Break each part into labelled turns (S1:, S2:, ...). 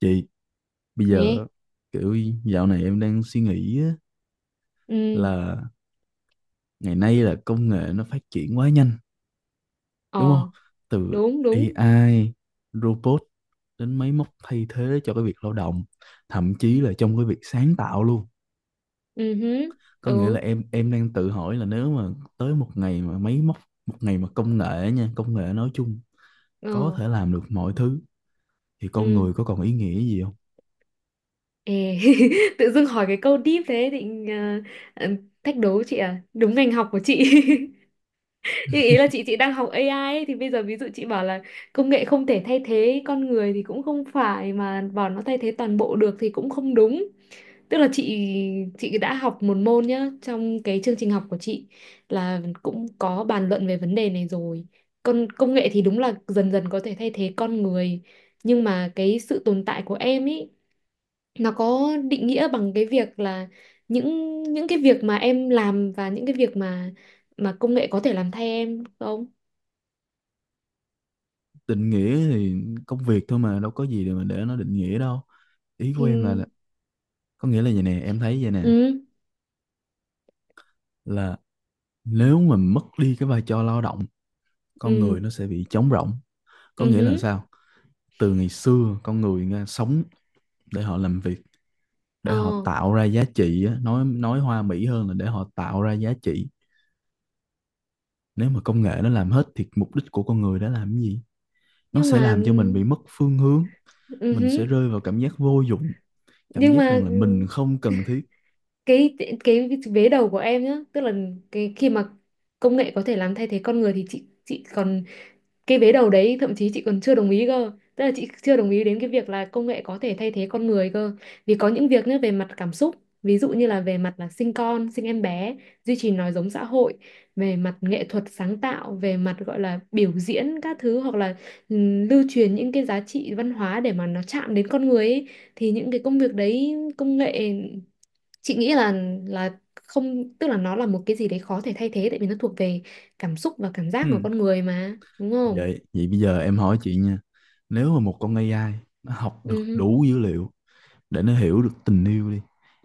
S1: Chị, bây
S2: Nè
S1: giờ kiểu dạo này em đang suy nghĩ á,
S2: ừ
S1: là ngày nay là công nghệ nó phát triển quá nhanh, đúng
S2: ờ
S1: không? Từ
S2: đúng đúng
S1: AI, robot đến máy móc thay thế cho cái việc lao động, thậm chí là trong cái việc sáng tạo luôn.
S2: ừ hứ,
S1: Có nghĩa
S2: ừ
S1: là em đang tự hỏi là nếu mà tới một ngày mà máy móc, một ngày mà công nghệ nha, công nghệ nói chung
S2: ờ
S1: có thể làm được mọi thứ thì con người
S2: ừ
S1: có còn ý nghĩa gì không?
S2: Ê, tự dưng hỏi cái câu deep thế ờ, thách đố chị à, đúng ngành học của chị. Nhưng ý là chị đang học AI ấy, thì bây giờ ví dụ chị bảo là công nghệ không thể thay thế con người thì cũng không phải, mà bảo nó thay thế toàn bộ được thì cũng không đúng. Tức là chị đã học một môn nhá, trong cái chương trình học của chị là cũng có bàn luận về vấn đề này rồi. Con công nghệ thì đúng là dần dần có thể thay thế con người, nhưng mà cái sự tồn tại của em ý, nó có định nghĩa bằng cái việc là những cái việc mà em làm, và những cái việc mà công nghệ có thể làm thay em không?
S1: Định nghĩa thì công việc thôi mà đâu có gì để nó định nghĩa đâu. Ý của em
S2: Thì
S1: có nghĩa là vậy nè, em thấy vậy nè,
S2: ừ
S1: là nếu mà mất đi cái vai trò lao động, con người
S2: ừ
S1: nó sẽ bị trống rỗng. Có
S2: ừ
S1: nghĩa là
S2: hứ,
S1: sao? Từ ngày xưa con người nghe, sống để họ làm việc,
S2: ờ
S1: để họ tạo ra giá trị á, nói hoa mỹ hơn là để họ tạo ra giá trị. Nếu mà công nghệ nó làm hết thì mục đích của con người đã làm cái gì? Nó
S2: nhưng
S1: sẽ
S2: mà
S1: làm cho mình bị mất phương hướng,
S2: ừ
S1: mình sẽ
S2: hứ,
S1: rơi vào cảm giác vô dụng, cảm
S2: nhưng
S1: giác
S2: mà
S1: rằng là
S2: ừ,
S1: mình không cần thiết.
S2: cái cái vế đầu của em nhá, tức là cái khi mà công nghệ có thể làm thay thế con người, thì chị còn cái vế đầu đấy thậm chí chị còn chưa đồng ý cơ. Tức là chị chưa đồng ý đến cái việc là công nghệ có thể thay thế con người cơ. Vì có những việc nhá, về mặt cảm xúc, ví dụ như là về mặt là sinh con sinh em bé, duy trì nói giống xã hội, về mặt nghệ thuật sáng tạo, về mặt gọi là biểu diễn các thứ, hoặc là lưu truyền những cái giá trị văn hóa để mà nó chạm đến con người ấy, thì những cái công việc đấy công nghệ, chị nghĩ là không, tức là nó là một cái gì đấy khó thể thay thế, tại vì nó thuộc về cảm xúc và cảm giác của
S1: Ừ.
S2: con người mà, đúng không?
S1: Vậy vậy bây giờ em hỏi chị nha. Nếu mà một con AI nó học được
S2: ừ
S1: đủ dữ liệu để nó hiểu được tình yêu đi,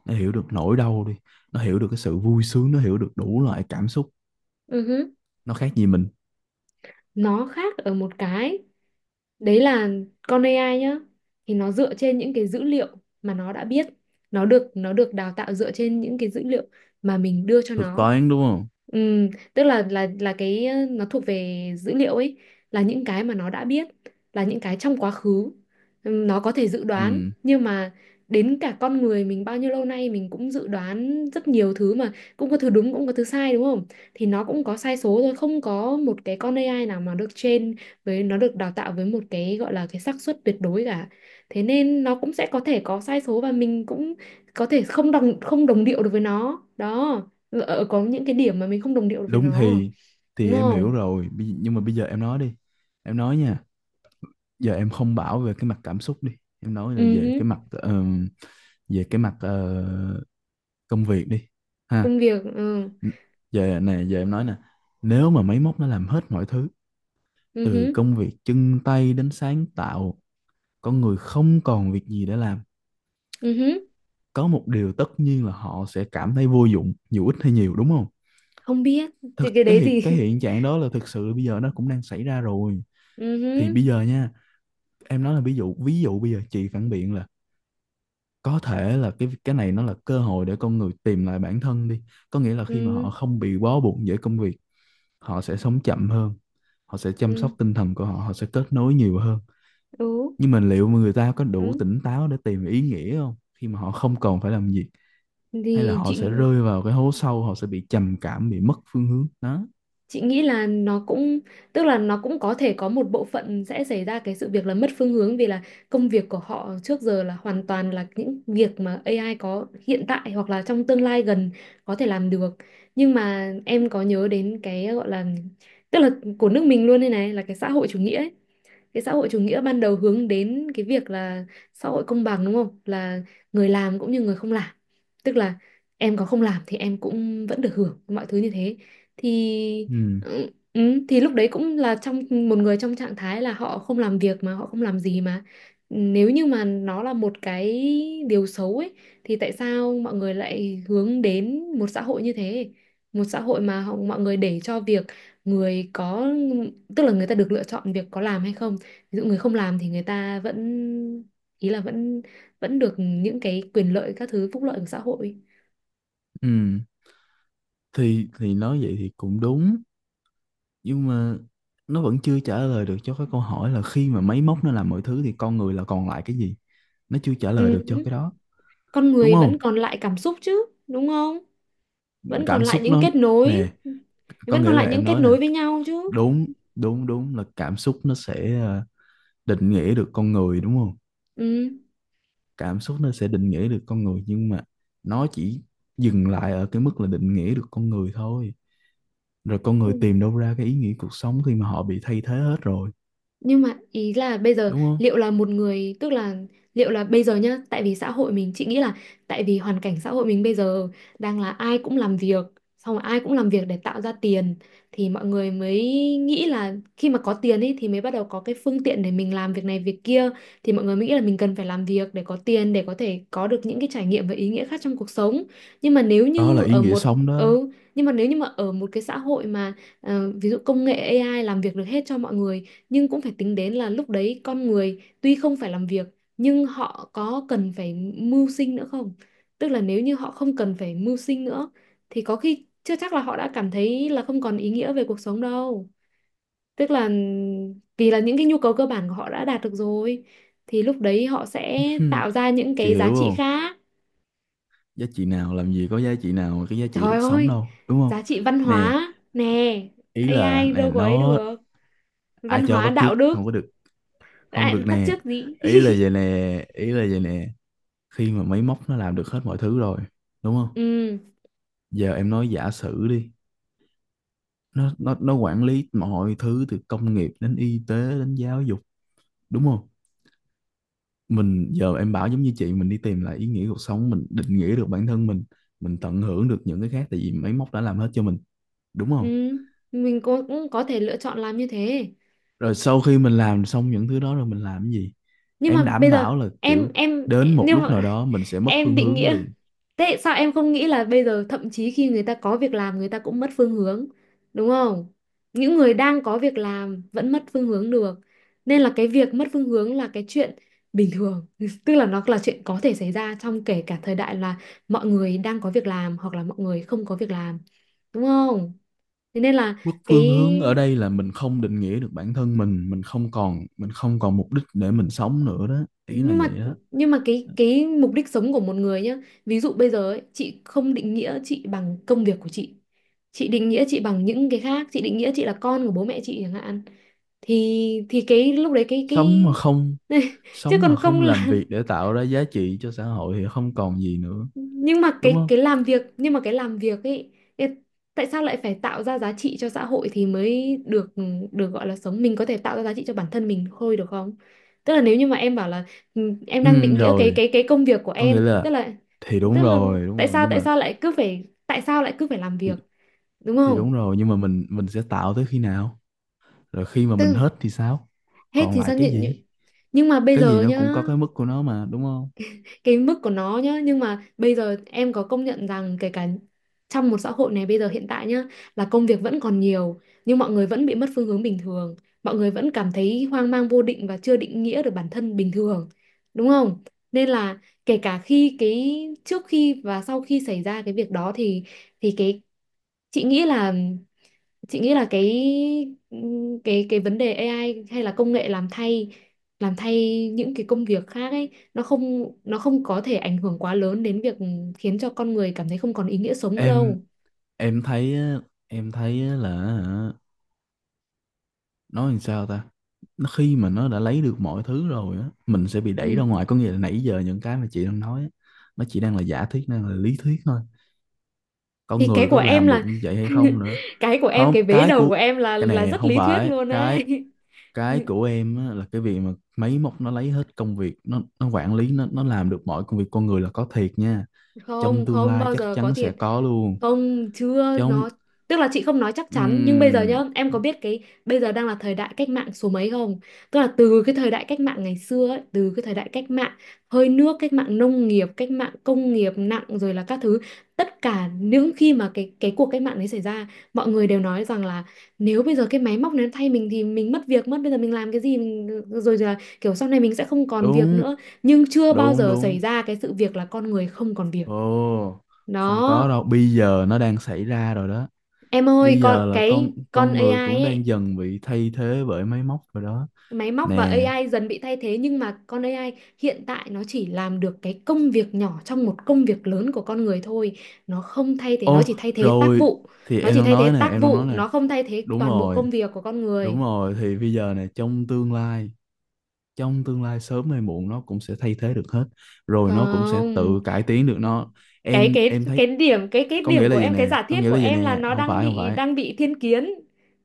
S1: nó hiểu được nỗi đau đi, nó hiểu được cái sự vui sướng, nó hiểu được đủ loại cảm xúc,
S2: ừ
S1: nó khác gì mình?
S2: nó khác ở một cái, đấy là con AI nhá, thì nó dựa trên những cái dữ liệu mà nó đã biết. Nó được đào tạo dựa trên những cái dữ liệu mà mình đưa cho
S1: Thực
S2: nó.
S1: toán đúng không?
S2: Ừ, tức là cái nó thuộc về dữ liệu ấy, là những cái mà nó đã biết, là những cái trong quá khứ. Nó có thể dự đoán,
S1: Ừ,
S2: nhưng mà đến cả con người mình bao nhiêu lâu nay mình cũng dự đoán rất nhiều thứ mà cũng có thứ đúng cũng có thứ sai, đúng không? Thì nó cũng có sai số thôi, không có một cái con AI nào mà được train, với nó được đào tạo với một cái gọi là cái xác suất tuyệt đối cả. Thế nên nó cũng sẽ có thể có sai số, và mình cũng có thể không đồng điệu được với nó đó. Ờ, ờ, có những cái điểm mà mình không đồng điệu được với
S1: đúng.
S2: nó à?
S1: thì
S2: Đúng
S1: thì em hiểu
S2: không
S1: rồi, nhưng mà bây giờ em nói đi. Em nói nha, giờ em không bảo về cái mặt cảm xúc đi, em nói là
S2: ừ hứ,
S1: về cái mặt công việc đi ha.
S2: Công việc, ừ
S1: Giờ nè, giờ em nói nè, nếu mà máy móc nó làm hết mọi thứ
S2: ừ
S1: từ
S2: hứ,
S1: công việc chân tay đến sáng tạo, con người không còn việc gì để làm,
S2: ừ hứ.
S1: có một điều tất nhiên là họ sẽ cảm thấy vô dụng dù ít hay nhiều, đúng không?
S2: Không biết thì
S1: Thực
S2: cái đấy thì
S1: cái hiện trạng đó là thực sự bây giờ nó cũng đang xảy ra rồi.
S2: ừ
S1: Thì
S2: hứ,
S1: bây giờ nha, em nói là ví dụ bây giờ chị phản biện là có thể là cái này nó là cơ hội để con người tìm lại bản thân đi, có nghĩa là khi mà họ
S2: ừ
S1: không bị bó buộc bởi công việc, họ sẽ sống chậm hơn, họ sẽ chăm sóc
S2: ừ
S1: tinh thần của họ, họ sẽ kết nối nhiều hơn.
S2: ừ
S1: Nhưng mà liệu mà người ta có đủ
S2: đúng
S1: tỉnh táo để tìm ý nghĩa không khi mà họ không còn phải làm gì, hay là
S2: thì
S1: họ sẽ rơi vào cái hố sâu, họ sẽ bị trầm cảm, bị mất phương hướng đó.
S2: chị nghĩ là nó cũng, tức là nó cũng có thể có một bộ phận sẽ xảy ra cái sự việc là mất phương hướng, vì là công việc của họ trước giờ là hoàn toàn là những việc mà AI có hiện tại hoặc là trong tương lai gần có thể làm được. Nhưng mà em có nhớ đến cái gọi là, tức là của nước mình luôn đây này, là cái xã hội chủ nghĩa ấy. Cái xã hội chủ nghĩa ban đầu hướng đến cái việc là xã hội công bằng, đúng không, là người làm cũng như người không làm. Tức là em có không làm thì em cũng vẫn được hưởng mọi thứ như thế. thì
S1: Ừ,
S2: ừ, ừ, thì lúc đấy cũng là trong một người trong trạng thái là họ không làm việc mà họ không làm gì. Mà nếu như mà nó là một cái điều xấu ấy, thì tại sao mọi người lại hướng đến một xã hội như thế? Một xã hội mà họ, mọi người để cho việc người có, tức là người ta được lựa chọn việc có làm hay không. Ví dụ người không làm thì người ta vẫn, ý là vẫn vẫn được những cái quyền lợi, các thứ phúc lợi của xã hội.
S1: ừ, thì nói vậy thì cũng đúng, nhưng mà nó vẫn chưa trả lời được cho cái câu hỏi là khi mà máy móc nó làm mọi thứ thì con người là còn lại cái gì. Nó chưa trả lời được cho
S2: Ừ.
S1: cái đó,
S2: Con
S1: đúng
S2: người
S1: không?
S2: vẫn còn lại cảm xúc chứ, đúng không? Vẫn còn
S1: Cảm
S2: lại
S1: xúc
S2: những
S1: nó
S2: kết nối,
S1: nè, có
S2: vẫn
S1: nghĩa
S2: còn
S1: là
S2: lại
S1: em
S2: những kết
S1: nói nè,
S2: nối với nhau chứ.
S1: đúng, đúng, đúng là cảm xúc nó sẽ định nghĩa được con người, đúng không? Cảm xúc nó sẽ định nghĩa được con người, nhưng mà nó chỉ dừng lại ở cái mức là định nghĩa được con người thôi. Rồi con
S2: Ừ.
S1: người tìm đâu ra cái ý nghĩa cuộc sống khi mà họ bị thay thế hết rồi,
S2: Nhưng mà ý là bây giờ
S1: đúng không?
S2: liệu là một người, tức là liệu là bây giờ nhá, tại vì xã hội mình chị nghĩ là, tại vì hoàn cảnh xã hội mình bây giờ đang là ai cũng làm việc, xong rồi ai cũng làm việc để tạo ra tiền, thì mọi người mới nghĩ là khi mà có tiền ấy thì mới bắt đầu có cái phương tiện để mình làm việc này việc kia. Thì mọi người mới nghĩ là mình cần phải làm việc để có tiền, để có thể có được những cái trải nghiệm và ý nghĩa khác trong cuộc sống. Nhưng mà nếu
S1: Đó là
S2: như
S1: ý
S2: ở
S1: nghĩa
S2: một,
S1: sống đó.
S2: ừ, nhưng mà nếu như mà ở một cái xã hội mà, ví dụ công nghệ AI làm việc được hết cho mọi người, nhưng cũng phải tính đến là lúc đấy con người tuy không phải làm việc, nhưng họ có cần phải mưu sinh nữa không? Tức là nếu như họ không cần phải mưu sinh nữa, thì có khi chưa chắc là họ đã cảm thấy là không còn ý nghĩa về cuộc sống đâu. Tức là vì là những cái nhu cầu cơ bản của họ đã đạt được rồi, thì lúc đấy họ sẽ tạo ra những
S1: Chị
S2: cái
S1: hiểu
S2: giá trị
S1: không?
S2: khác.
S1: Giá trị nào, làm gì có giá trị nào mà cái giá trị
S2: Trời
S1: được sống
S2: ơi,
S1: đâu, đúng
S2: giá
S1: không?
S2: trị văn
S1: Nè,
S2: hóa nè,
S1: ý là
S2: AI
S1: nè,
S2: đâu có ấy
S1: nó
S2: được.
S1: ai
S2: Văn
S1: cho
S2: hóa
S1: bắt chước
S2: đạo đức,
S1: không có được, không
S2: à,
S1: được
S2: bắt
S1: nè.
S2: chước gì?
S1: Ý là vậy nè, ý là vậy nè, khi mà máy móc nó làm được hết mọi thứ rồi, đúng không?
S2: Ừ.
S1: Giờ em nói giả sử đi, nó quản lý mọi thứ từ công nghiệp đến y tế đến giáo dục, đúng không? Giờ em bảo giống như chị, mình đi tìm lại ý nghĩa cuộc sống, mình định nghĩa được bản thân mình tận hưởng được những cái khác tại vì máy móc đã làm hết cho mình, đúng
S2: Ừ,
S1: không?
S2: mình cũng cũng có thể lựa chọn làm như thế.
S1: Rồi sau khi mình làm xong những thứ đó rồi mình làm cái gì?
S2: Nhưng
S1: Em
S2: mà
S1: đảm
S2: bây giờ
S1: bảo là
S2: em
S1: kiểu
S2: em
S1: đến một
S2: nhưng
S1: lúc
S2: mà
S1: nào đó mình sẽ mất
S2: em
S1: phương
S2: định
S1: hướng
S2: nghĩa,
S1: liền.
S2: thế sao em không nghĩ là bây giờ thậm chí khi người ta có việc làm người ta cũng mất phương hướng, đúng không? Những người đang có việc làm vẫn mất phương hướng được. Nên là cái việc mất phương hướng là cái chuyện bình thường, tức là nó là chuyện có thể xảy ra trong kể cả thời đại là mọi người đang có việc làm hoặc là mọi người không có việc làm, đúng không? Thế nên là
S1: Mất phương
S2: cái,
S1: hướng ở đây là mình không định nghĩa được bản thân mình không còn, mình không còn mục đích để mình sống nữa đó, ý là
S2: nhưng mà,
S1: vậy đó.
S2: cái mục đích sống của một người nhá, ví dụ bây giờ ấy, chị không định nghĩa chị bằng công việc của chị. Chị định nghĩa chị bằng những cái khác, chị định nghĩa chị là con của bố mẹ chị chẳng hạn. Thì cái lúc đấy
S1: sống mà
S2: cái
S1: không
S2: chứ
S1: Sống
S2: còn
S1: mà
S2: không
S1: không làm
S2: là,
S1: việc để tạo ra giá trị cho xã hội thì không còn gì nữa,
S2: nhưng mà
S1: đúng không?
S2: cái làm việc, nhưng mà cái làm việc ấy, ê, tại sao lại phải tạo ra giá trị cho xã hội thì mới được được gọi là sống? Mình có thể tạo ra giá trị cho bản thân mình thôi được không? Tức là nếu như mà em bảo là, ừ, em đang
S1: Ừ,
S2: định nghĩa
S1: rồi,
S2: cái công việc của
S1: có
S2: em,
S1: nghĩa là
S2: tức là,
S1: thì đúng
S2: tức là
S1: rồi, đúng rồi, nhưng
S2: tại
S1: mà
S2: sao lại cứ phải tại sao lại cứ phải làm
S1: thì,
S2: việc, đúng
S1: thì đúng
S2: không?
S1: rồi, nhưng mà mình sẽ tạo tới khi nào? Rồi khi mà mình
S2: Tức
S1: hết thì sao,
S2: hết
S1: còn
S2: thì
S1: lại
S2: sao
S1: cái
S2: nhận?
S1: gì?
S2: Nhưng mà bây
S1: Cái gì
S2: giờ
S1: nó
S2: nhá,
S1: cũng có cái mức của nó mà, đúng không?
S2: cái mức của nó nhá, nhưng mà bây giờ em có công nhận rằng kể cả trong một xã hội này bây giờ hiện tại nhá, là công việc vẫn còn nhiều nhưng mọi người vẫn bị mất phương hướng bình thường. Mọi người vẫn cảm thấy hoang mang vô định và chưa định nghĩa được bản thân bình thường, đúng không? Nên là kể cả khi cái trước khi và sau khi xảy ra cái việc đó thì cái, chị nghĩ là, chị nghĩ là cái cái vấn đề AI hay là công nghệ làm thay những cái công việc khác ấy, nó không, nó không có thể ảnh hưởng quá lớn đến việc khiến cho con người cảm thấy không còn ý nghĩa sống nữa
S1: em
S2: đâu.
S1: em thấy á, em thấy á là hả, nói làm sao ta, nó khi mà nó đã lấy được mọi thứ rồi á, mình sẽ bị đẩy
S2: Ừ.
S1: ra ngoài. Có nghĩa là nãy giờ những cái mà chị đang nói á, nó chỉ đang là giả thuyết, đang là lý thuyết thôi, con
S2: Thì cái
S1: người
S2: của
S1: có
S2: em
S1: làm được
S2: là
S1: như vậy hay không nữa.
S2: cái của em,
S1: Không,
S2: cái vế đầu của em
S1: cái
S2: là
S1: này
S2: rất
S1: không
S2: lý thuyết
S1: phải,
S2: luôn
S1: cái
S2: ấy.
S1: cái của em á, là cái việc mà máy móc nó lấy hết công việc, nó quản lý, nó làm được mọi công việc con người là có thiệt nha. Trong
S2: Không,
S1: tương
S2: không
S1: lai
S2: bao
S1: chắc
S2: giờ có
S1: chắn sẽ
S2: thiệt.
S1: có luôn.
S2: Không, chưa,
S1: Trong
S2: nó, tức là chị không nói chắc chắn, nhưng bây giờ
S1: ừm,
S2: nhá, em có biết cái bây giờ đang là thời đại cách mạng số mấy không? Tức là từ cái thời đại cách mạng ngày xưa ấy, từ cái thời đại cách mạng hơi nước, cách mạng nông nghiệp, cách mạng công nghiệp nặng rồi là các thứ, tất cả những khi mà cái cuộc cách mạng đấy xảy ra, mọi người đều nói rằng là nếu bây giờ cái máy móc này nó thay mình thì mình mất việc mất, bây giờ mình làm cái gì mình, rồi là kiểu sau này mình sẽ không còn việc
S1: đúng,
S2: nữa, nhưng chưa bao
S1: đúng,
S2: giờ xảy
S1: đúng.
S2: ra cái sự việc là con người không còn việc.
S1: Ồ, không
S2: Đó.
S1: có đâu, bây giờ nó đang xảy ra rồi đó.
S2: Em ơi,
S1: Bây
S2: con
S1: giờ là con
S2: cái con
S1: con
S2: AI
S1: người cũng
S2: ấy,
S1: đang dần bị thay thế bởi máy móc rồi đó
S2: máy móc và
S1: nè.
S2: AI dần bị thay thế, nhưng mà con AI hiện tại nó chỉ làm được cái công việc nhỏ trong một công việc lớn của con người thôi. Nó không thay thế, nó chỉ
S1: Ô,
S2: thay thế tác
S1: rồi,
S2: vụ.
S1: thì
S2: Nó
S1: em
S2: chỉ
S1: đang
S2: thay thế
S1: nói nè,
S2: tác
S1: em đang nói
S2: vụ,
S1: nè.
S2: nó không thay thế
S1: Đúng
S2: toàn bộ
S1: rồi,
S2: công việc của con
S1: đúng
S2: người.
S1: rồi. Thì bây giờ nè, trong tương lai sớm hay muộn nó cũng sẽ thay thế được hết. Rồi nó cũng sẽ tự
S2: Không.
S1: cải tiến được nó.
S2: Cái
S1: Em
S2: cái
S1: em
S2: cái
S1: thấy
S2: điểm, cái
S1: có
S2: điểm
S1: nghĩa là
S2: của
S1: vậy
S2: em, cái
S1: nè,
S2: giả
S1: có
S2: thiết
S1: nghĩa
S2: của
S1: là vậy
S2: em là
S1: nè,
S2: nó
S1: không
S2: đang
S1: phải, không
S2: bị
S1: phải,
S2: thiên kiến.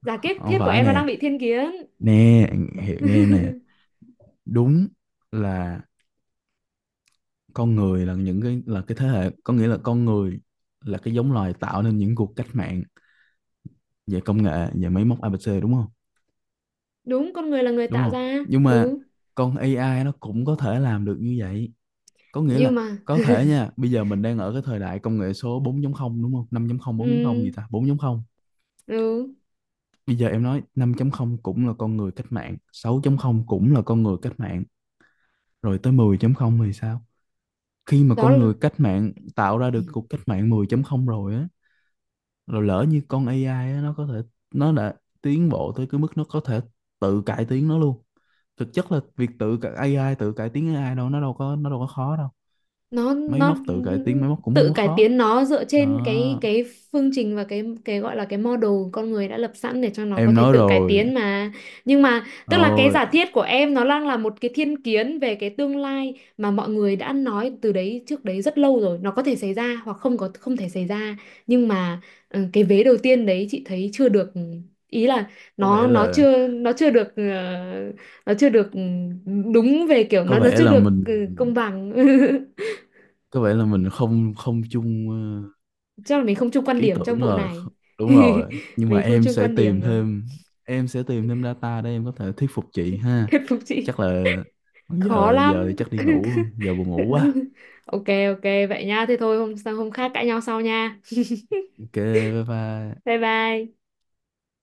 S2: Giả thiết
S1: không
S2: thiết của
S1: phải
S2: em nó
S1: nè.
S2: đang bị thiên kiến.
S1: Nè, hiểu nghe em nè. Đúng là con người là cái thế hệ, có nghĩa là con người là cái giống loài tạo nên những cuộc cách mạng về công nghệ, về máy móc, ABC đúng không?
S2: Đúng, con người là người
S1: Đúng
S2: tạo
S1: không,
S2: ra.
S1: nhưng mà
S2: Ừ,
S1: con AI nó cũng có thể làm được như vậy, có nghĩa là
S2: nhưng mà
S1: có thể nha. Bây giờ mình đang ở cái thời đại công nghệ số 4 không, đúng không, năm chấm không bốn 4 không gì
S2: ừ.
S1: ta 4 không.
S2: Ừ
S1: Bây giờ em nói 5 không cũng là con người cách mạng, 6 không cũng là con người cách mạng, rồi tới 10 không thì sao? Khi mà
S2: đó
S1: con
S2: là
S1: người cách mạng tạo ra được cuộc cách mạng 10 không rồi á, rồi lỡ như con AI á, nó có thể nó đã tiến bộ tới cái mức nó có thể tự cải tiến nó luôn. Thực chất là việc AI tự cải tiến AI đâu, nó đâu có khó đâu. Máy
S2: nó
S1: móc tự cải tiến máy móc cũng không
S2: tự
S1: có
S2: cải
S1: khó
S2: tiến nó dựa trên
S1: đó,
S2: cái phương trình và cái gọi là cái model con người đã lập sẵn để cho nó có
S1: em
S2: thể
S1: nói
S2: tự cải
S1: rồi.
S2: tiến mà. Nhưng mà tức là cái
S1: Ôi,
S2: giả thiết của em nó đang là một cái thiên kiến về cái tương lai mà mọi người đã nói từ đấy trước đấy rất lâu rồi, nó có thể xảy ra hoặc không có không thể xảy ra. Nhưng mà, ừ, cái vế đầu tiên đấy chị thấy chưa được, ý là
S1: có vẻ
S2: nó
S1: là
S2: chưa, nó chưa được, đúng, về kiểu
S1: có
S2: nó
S1: vẻ
S2: chưa
S1: là
S2: được,
S1: mình
S2: công bằng.
S1: có vẻ là mình không không chung
S2: Chắc là mình không chung quan
S1: ý
S2: điểm
S1: tưởng
S2: trong vụ
S1: rồi.
S2: này.
S1: Đúng rồi, nhưng mà
S2: Mình không chung quan điểm rồi.
S1: em sẽ tìm thêm data để em có thể thuyết phục chị ha.
S2: Thuyết phục chị
S1: Chắc là
S2: khó
S1: giờ giờ thì
S2: lắm.
S1: chắc đi ngủ, giờ buồn ngủ quá.
S2: Ok ok, vậy nha, thế thôi, hôm hôm khác cãi nhau sau nha.
S1: Ok, bye bye.
S2: Bye bye.